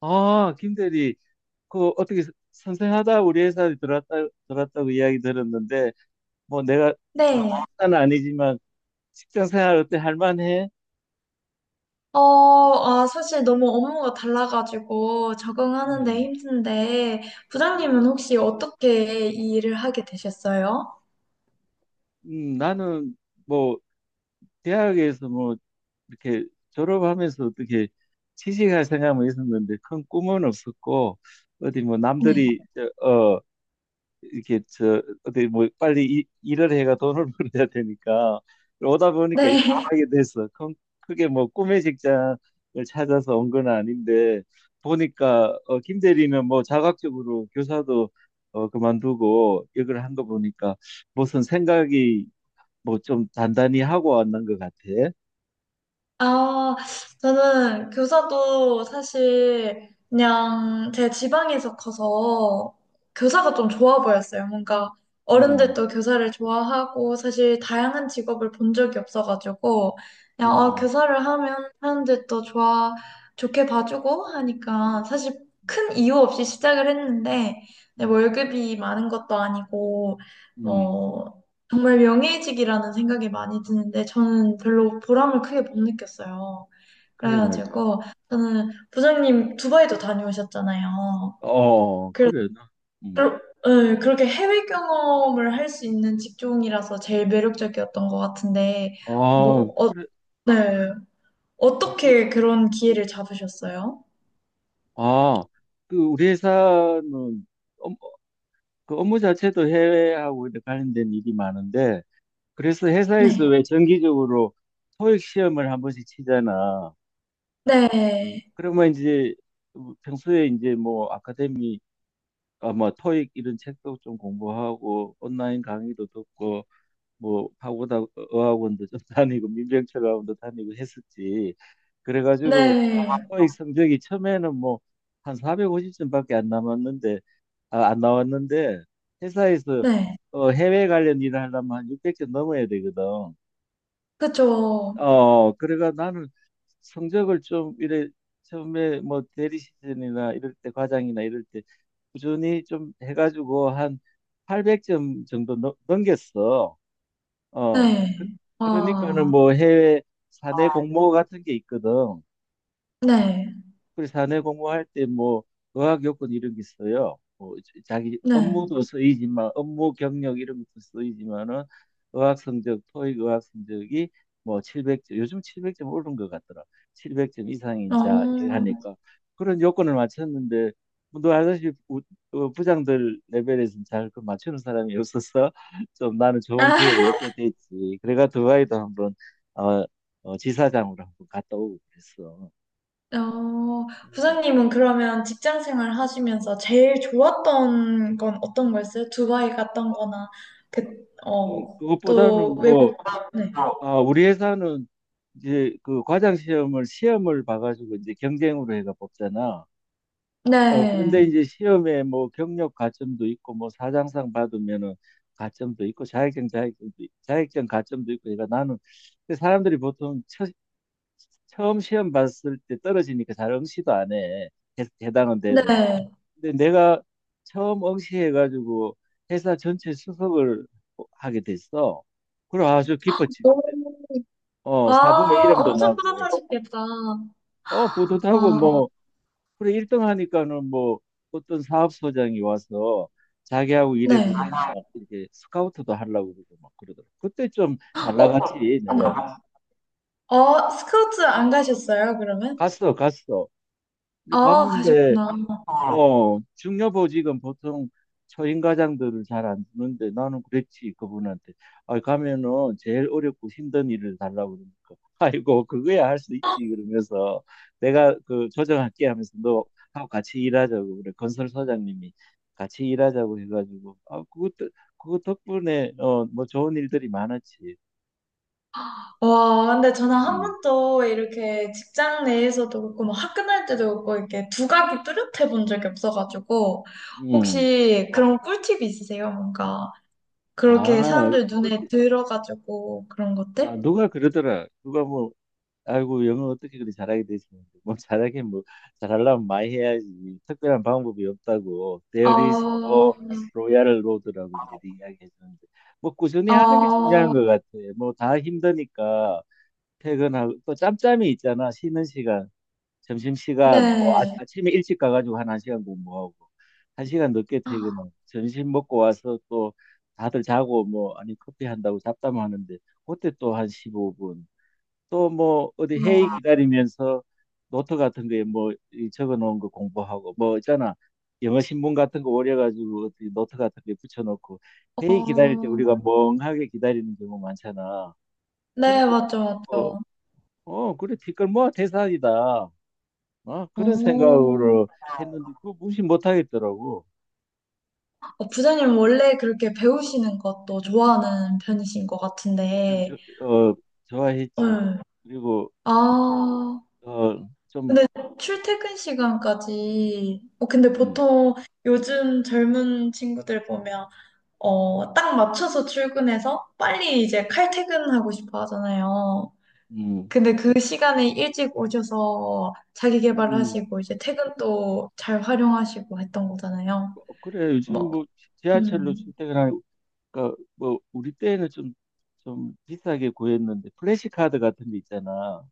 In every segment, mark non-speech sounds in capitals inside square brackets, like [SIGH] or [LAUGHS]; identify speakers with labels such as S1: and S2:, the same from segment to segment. S1: 아, 김 대리, 그 어떻게 선생하다 우리 회사에 들어왔다고 이야기 들었는데, 뭐 내가
S2: 네.
S1: 다는 아니지만 직장 생활 어때? 할만해?
S2: 사실 너무 업무가 달라가지고 적응하는데
S1: 음.
S2: 힘든데,
S1: 음.
S2: 부장님은 혹시 어떻게 이 일을 하게 되셨어요?
S1: 나는 뭐 대학에서 뭐 이렇게 졸업하면서 어떻게 취직할 생각은 있었는데 큰 꿈은 없었고, 어디 뭐
S2: 네.
S1: 남들이, 이렇게 저 어디 뭐 빨리 일을 해가 돈을 [LAUGHS] 벌어야 되니까 오다 보니까 이렇게
S2: 네.
S1: 하게 됐어. 크게 뭐 꿈의 직장을 찾아서 온 건 아닌데 보니까 어, 김 대리는 뭐 자각적으로 교사도 어, 그만두고 이걸 한 거 보니까 무슨 생각이 뭐 좀 단단히 하고 왔는 것 같아.
S2: 아, 저는 교사도 사실 그냥 제 지방에서 커서 교사가 좀 좋아 보였어요. 뭔가
S1: 음,
S2: 어른들도 교사를 좋아하고 사실 다양한 직업을 본 적이 없어가지고 그냥
S1: 음,
S2: 교사를 하면 사람들도 좋아, 좋게 봐주고
S1: 음,
S2: 하니까 사실 큰 이유 없이 시작을 했는데 뭐
S1: 음,
S2: 월급이 많은 것도 아니고
S1: 음.
S2: 뭐 정말 명예의이라는 생각이 많이 드는데 저는 별로 보람을 크게 못 느꼈어요.
S1: 그래 말이야.
S2: 그래가지고 저는 부장님 두바이도 다녀오셨잖아요.
S1: 어,
S2: 그래서
S1: 그래. 음.
S2: 그러- 예, 그렇게 해외 경험을 할 수 있는 직종이라서 제일 매력적이었던 것 같은데
S1: 아,
S2: 뭐 어,
S1: 그래.
S2: 네. 어떻게 그런 기회를 잡으셨어요?
S1: 아, 그 우리 회사는 업- 그 업무 자체도 해외하고 이렇게 관련된 일이 많은데 그래서 회사에서
S2: 네.
S1: 왜 정기적으로 토익 시험을 한 번씩 치잖아.
S2: 네.
S1: 그러면 이제 평소에 이제 뭐 아카데미 아뭐 토익 이런 책도 좀 공부하고 온라인 강의도 듣고 뭐 파고다 어학원도 좀 [LAUGHS] 다니고 민병철학원도 다니고 했었지. 그래가지고
S2: 네.
S1: 토익 성적이 처음에는 뭐 한 450점밖에 안 남았는데 아, 안 나왔는데 회사에서
S2: 네.
S1: 어, 해외 관련 일을 하려면 한 600개 넘어야 되거든.
S2: 그쵸.
S1: 어, 그래가 나는 성적을 좀 이래 처음에 뭐 대리 시즌이나 이럴 때 과장이나 이럴 때 꾸준히 좀 해가지고 한 800점 정도 넘겼어. 어,
S2: 네.
S1: 그러니까는
S2: 아.
S1: 뭐 해외 사내 공모 같은 게 있거든.
S2: 네.
S1: 그리고 사내 공부할 때 뭐 의학 요건 이런 게 있어요. 뭐 자기
S2: 네.
S1: 업무도 쓰이지만 업무 경력 이런 것도 쓰이지만은 의학 성적, 토익 의학 성적이 뭐 700점, 요즘 700점 오른 것 같더라. 700점 이상인
S2: 어.
S1: 자 하니까 그런 요건을 맞췄는데 뭐 너 알다시피 부장들 레벨에서는 잘 그 맞추는 사람이 없어서 [LAUGHS] 좀 나는 좋은
S2: [LAUGHS]
S1: 기회를 얻게 됐지. 그래가 두바이도 한번 어, 지사장으로 한번 갔다 오고 그랬어.
S2: 어,
S1: 음.
S2: 부장님은 그러면 직장 생활 하시면서 제일 좋았던 건 어떤 거였어요? 두바이 갔던 거나, 그, 어, 또
S1: 그것보다는 뭐,
S2: 외국, 네.
S1: 아, 우리 회사는 이제 그 과장 시험을 봐가지고 이제 경쟁으로 해가 뽑잖아. 어, 그런데
S2: 네.
S1: 이제 시험에 뭐 경력 가점도 있고 뭐 사장상 받으면은 가점도 있고 자격증 가점도 있고 그러니까 나는 근데 사람들이 보통 처음 시험 봤을 때 떨어지니까 잘 응시도 안 해. 해당은 돼도.
S2: 네.
S1: 근데 내가 처음 응시해가지고 회사 전체 수석을 하게 됐어. 그래 아주 기뻤지 그때.
S2: 오,
S1: 어
S2: 아,
S1: 사부의 이름도
S2: 엄청
S1: 나고
S2: 뿌듯하셨겠다.
S1: 어 뿌듯하고
S2: 아,
S1: 뭐 그래 1등 하니까는 뭐 어떤 사업소장이 와서 자기하고
S2: 네.
S1: 일해보자 막 이렇게 스카우트도 하려고 그러고 막 그러더라고. 그때 좀 잘
S2: 어,
S1: 나갔지
S2: 네.
S1: 내가
S2: 어, 스카우트 안 가셨어요, 그러면?
S1: 갔어 갔어. 근데
S2: 아,
S1: 갔는데
S2: 가셨구나.
S1: 어, 중요보직은 보통 초임과장들을 잘 안 주는데 나는 그랬지 그분한테 아 가면은 제일 어렵고 힘든 일을 달라고 그러니까 [LAUGHS] 아이고 그거야 할 수 있지 그러면서 내가 그 조정할게 하면서 너 하고 같이 일하자고 그래 건설 소장님이 같이 일하자고 해가지고 아 그것도 그거 덕분에 어 뭐 좋은 일들이 많았지.
S2: 와, 근데 저는 한
S1: 음,
S2: 번도 이렇게 직장 내에서도 그렇고, 뭐 학교 다닐 때도 그렇고, 이렇게 두각이 뚜렷해 본 적이 없어가지고,
S1: 음.
S2: 혹시 그런 꿀팁이 있으세요? 뭔가, 그렇게
S1: 아,
S2: 사람들
S1: 꽃,
S2: 눈에 들어가지고, 그런
S1: 아
S2: 것들?
S1: 누가 그러더라 누가 뭐 아이고 영어 어떻게 그리 잘하게 되시는데 뭐 잘하긴 뭐 잘하려면 많이 해야지 특별한 방법이 없다고
S2: 어,
S1: There is
S2: 어,
S1: no royal road라고 이제 이야기해 주는데 뭐 꾸준히 하는 게 중요한 것 같아. 뭐 다 힘드니까 퇴근하고 또 짬짬이 있잖아. 쉬는 시간 점심시간 뭐 아,
S2: 네.
S1: 아침에 일찍 가가지고 한 1시간 공부하고 1시간 늦게 퇴근하고 점심 먹고 와서 또 다들 자고 뭐 아니 커피 한다고 잡담하는데 그때 또 한 15분 또 뭐 어디 회의
S2: 어,
S1: 기다리면서 노트 같은 거에 뭐 이 적어 놓은 거 공부하고 뭐 있잖아. 영어 신문 같은 거 오려 가지고 어디 노트 같은 데 붙여 놓고 회의 기다릴 때
S2: 어,
S1: 우리가 멍하게 기다리는 경우 많잖아.
S2: 네,
S1: 그렇게
S2: 맞죠,
S1: 어,
S2: 맞죠.
S1: 어 그래 티끌 모아 태산이다. 어, 그런
S2: 오,
S1: 생각으로 했는데 그거 무시 못 하겠더라고.
S2: 어, 부장님 원래 그렇게 배우시는 것도 좋아하는 편이신 것
S1: 좀
S2: 같은데,
S1: 어, 좋아했지.
S2: 응.
S1: 그리고
S2: 아,
S1: 어, 좀
S2: 근데 출퇴근 시간까지, 어, 근데
S1: 음,
S2: 보통 요즘 젊은 친구들 보면, 어, 딱 맞춰서 출근해서 빨리 이제 칼퇴근하고 싶어 하잖아요.
S1: 음,
S2: 근데 그 시간에 일찍 오셔서 자기
S1: 음.
S2: 개발하시고, 이제 퇴근도 잘 활용하시고 했던 거잖아요.
S1: 어, 그래 요즘
S2: 막,
S1: 뭐 지하철로
S2: 음,
S1: 출퇴근하니까 그러니까 뭐 우리 때는 좀 비싸게 구했는데 플래시 카드 같은 데 있잖아.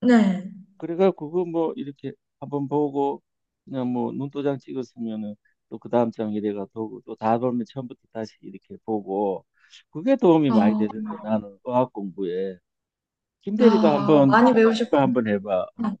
S2: 네.
S1: 그래가 그거 뭐 이렇게 한번 보고 그냥 뭐 눈도장 찍었으면은 또 그 다음 장 이래가 보고 또 다 보면 처음부터 다시 이렇게 보고 그게 도움이 많이
S2: 아,
S1: 되던데 나는 어학 공부에 김 대리도
S2: 아, 많이 배우셨구나.
S1: 한번 해봐. 어.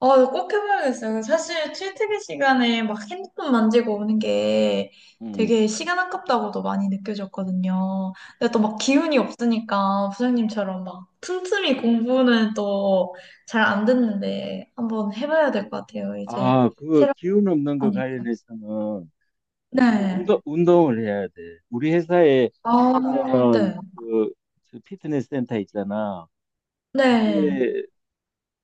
S2: 아, 이거 꼭 해봐야겠어요. 사실 출퇴근 시간에 막 핸드폰 만지고 오는 게
S1: 음.
S2: 되게 시간 아깝다고도 많이 느껴졌거든요. 근데 또 막 기운이 없으니까 부장님처럼 막 틈틈이 공부는 또 잘 안 됐는데 한번 해봐야 될 것 같아요. 이제
S1: 아 그거
S2: 새로
S1: 기운 없는
S2: 으
S1: 거
S2: 니까
S1: 관련해서는 그
S2: 네.
S1: 운동을 해야 돼. 우리 회사에
S2: 아,
S1: 보면은
S2: 네.
S1: 그저 피트니스 센터 있잖아.
S2: 네.
S1: 그게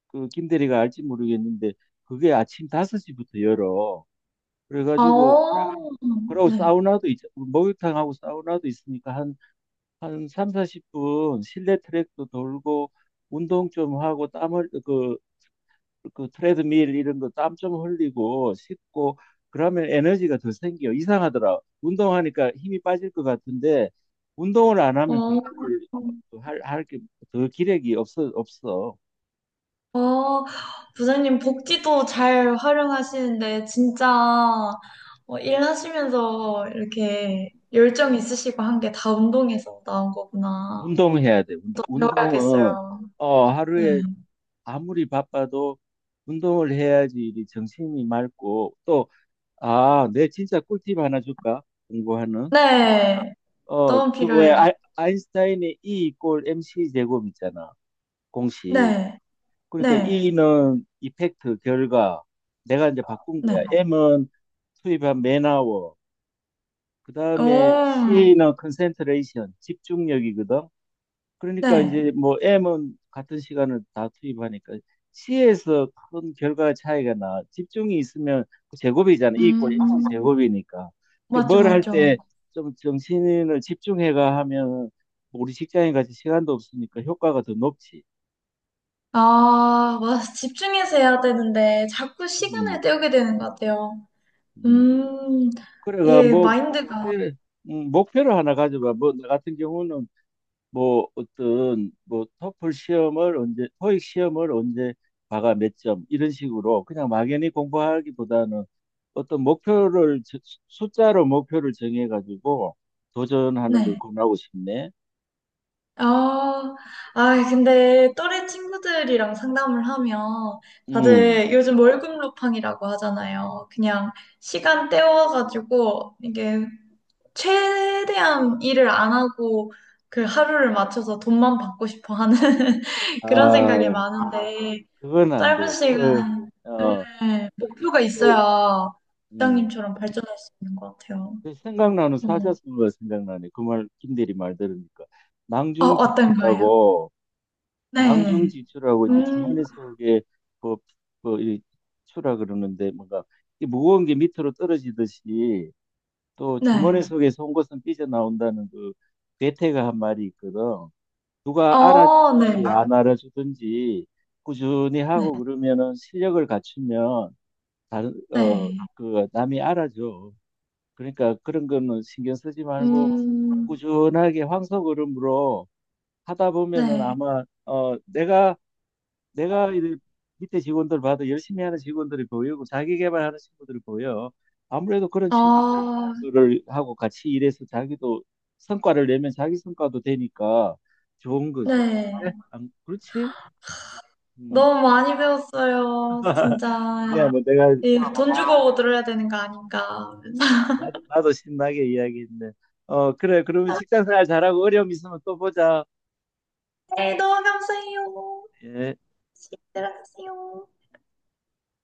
S1: 그 김대리가 알지 모르겠는데 그게 아침 5시부터 열어. 그래가지고
S2: 아,
S1: 그러고
S2: 네.
S1: 사우나도 목욕탕하고 사우나도 있으니까 한삼 40분 실내 트랙도 돌고 운동 좀 하고 땀을 그 트레드밀 이런 거 땀 좀 흘리고 씻고 그러면 에너지가 더 생겨. 이상하더라. 운동하니까 힘이 빠질 것 같은데 운동을 안 하면 공부를
S2: 어.
S1: 할 게 더 기력이 없어, 없어.
S2: 어, 부장님 복지도 잘 활용하시는데 진짜 어, 일하시면서 이렇게 열정 있으시고 한 게 다 운동에서 나온 거구나.
S1: 운동해야 돼. 운동은
S2: 배워야겠어요.
S1: 어,
S2: 네.
S1: 하루에 아무리 바빠도 운동을 해야지 이 정신이 맑고 또 아, 내 진짜 꿀팁 하나 줄까? 공부하는
S2: 네.
S1: 어,
S2: 너무
S1: 그 뭐야
S2: 필요해요.
S1: 아, 아인슈타인의 E 이퀄 MC 제곱 있잖아. 공식.
S2: 네.
S1: 그러니까
S2: 네.
S1: E는 이펙트, 결과. 내가 이제 바꾼
S2: 네.
S1: 거야. M은 투입한 맨아워. 그 다음에
S2: 오,
S1: C는 컨센트레이션, 집중력이거든. 그러니까
S2: 네.
S1: 이제 뭐 M은 같은 시간을 다 투입하니까 C에서 큰 결과 차이가 나. 집중이 있으면 그 제곱이잖아. E 이퀄 MC
S2: 음,
S1: 제곱이니까. 그러니까
S2: 맞죠,
S1: 뭘 할
S2: 맞죠.
S1: 때 좀 정신을 집중해가 하면 우리 직장인 같이 시간도 없으니까 효과가 더 높지.
S2: 아, 와, 집중해서 해야 되는데 자꾸 시간을
S1: 음,
S2: 때우게 되는 것 같아요.
S1: 음.
S2: 음,
S1: 그래가
S2: 이게
S1: 뭐
S2: 마인드가,
S1: 근데 목표를 하나 가져봐. 뭐 나 같은 경우는 뭐 어떤 뭐 토플 시험을 언제 토익 시험을 언제 봐가 몇 점 이런 식으로 그냥 막연히 공부하기보다는 어떤 목표를 숫자로 목표를 정해 가지고 도전하는 걸
S2: 네.
S1: 권하고 싶네.
S2: 아, 아, 근데 또래 친구들이랑 상담을 하면
S1: 음.
S2: 다들 요즘 월급 루팡이라고 하잖아요. 그냥 시간 때워가지고 이게 최대한 일을 안 하고 그 하루를 맞춰서 돈만 받고 싶어 하는 [LAUGHS] 그런 생각이
S1: 아,
S2: 많은데
S1: 그건 안
S2: 짧은
S1: 돼. 그,
S2: 시간에
S1: 어,
S2: 네, 목표가
S1: 그,
S2: 있어야
S1: 음.
S2: 부장님처럼 발전할 수 있는 것 같아요.
S1: 그 생각나는
S2: 음.
S1: 사자성어가 생각나네. 김대리 말 들으니까.
S2: 아, 어떤 거예요?
S1: 낭중지추라고
S2: 네.
S1: 낭중지추라고 이제
S2: 음,
S1: 주머니 속에 뭐, 뭐, 이 추라 그러는데 뭔가 이 무거운 게 밑으로 떨어지듯이 또 주머니
S2: 네.
S1: 속에 온 것은 삐져나온다는 그 괴테가 한 말이 있거든. 누가
S2: 어, 네.
S1: 알아주든지 안 알아주든지 꾸준히
S2: 네.
S1: 하고 그러면은 실력을 갖추면 다른, 어,
S2: 네.
S1: 그 남이 알아줘. 그러니까 그런 거는 신경 쓰지
S2: 음,
S1: 말고
S2: 음,
S1: 꾸준하게 황소걸음으로 하다 보면은
S2: 네.
S1: 아마 어, 내가 이 밑에 직원들 봐도 열심히 하는 직원들이 보이고 자기 개발하는 친구들이 보여. 아무래도 그런
S2: 아,
S1: 친구들을 하고 같이 일해서 자기도 성과를 내면 자기 성과도 되니까 좋은 거지.
S2: 네.
S1: 그래? 안 그렇지? 음.
S2: 너무 많이 배웠어요.
S1: [LAUGHS] 야,
S2: 진짜.
S1: 뭐 내가 어,
S2: 이 돈 주고 들어야 되는 거 아닌가.
S1: 나도 신나게 이야기했네. 어, 그래. 그러면 직장 생활 잘하고 어려움 있으면 또 보자.
S2: 네, 너무 감사해요.
S1: 예.
S2: 들어가세요.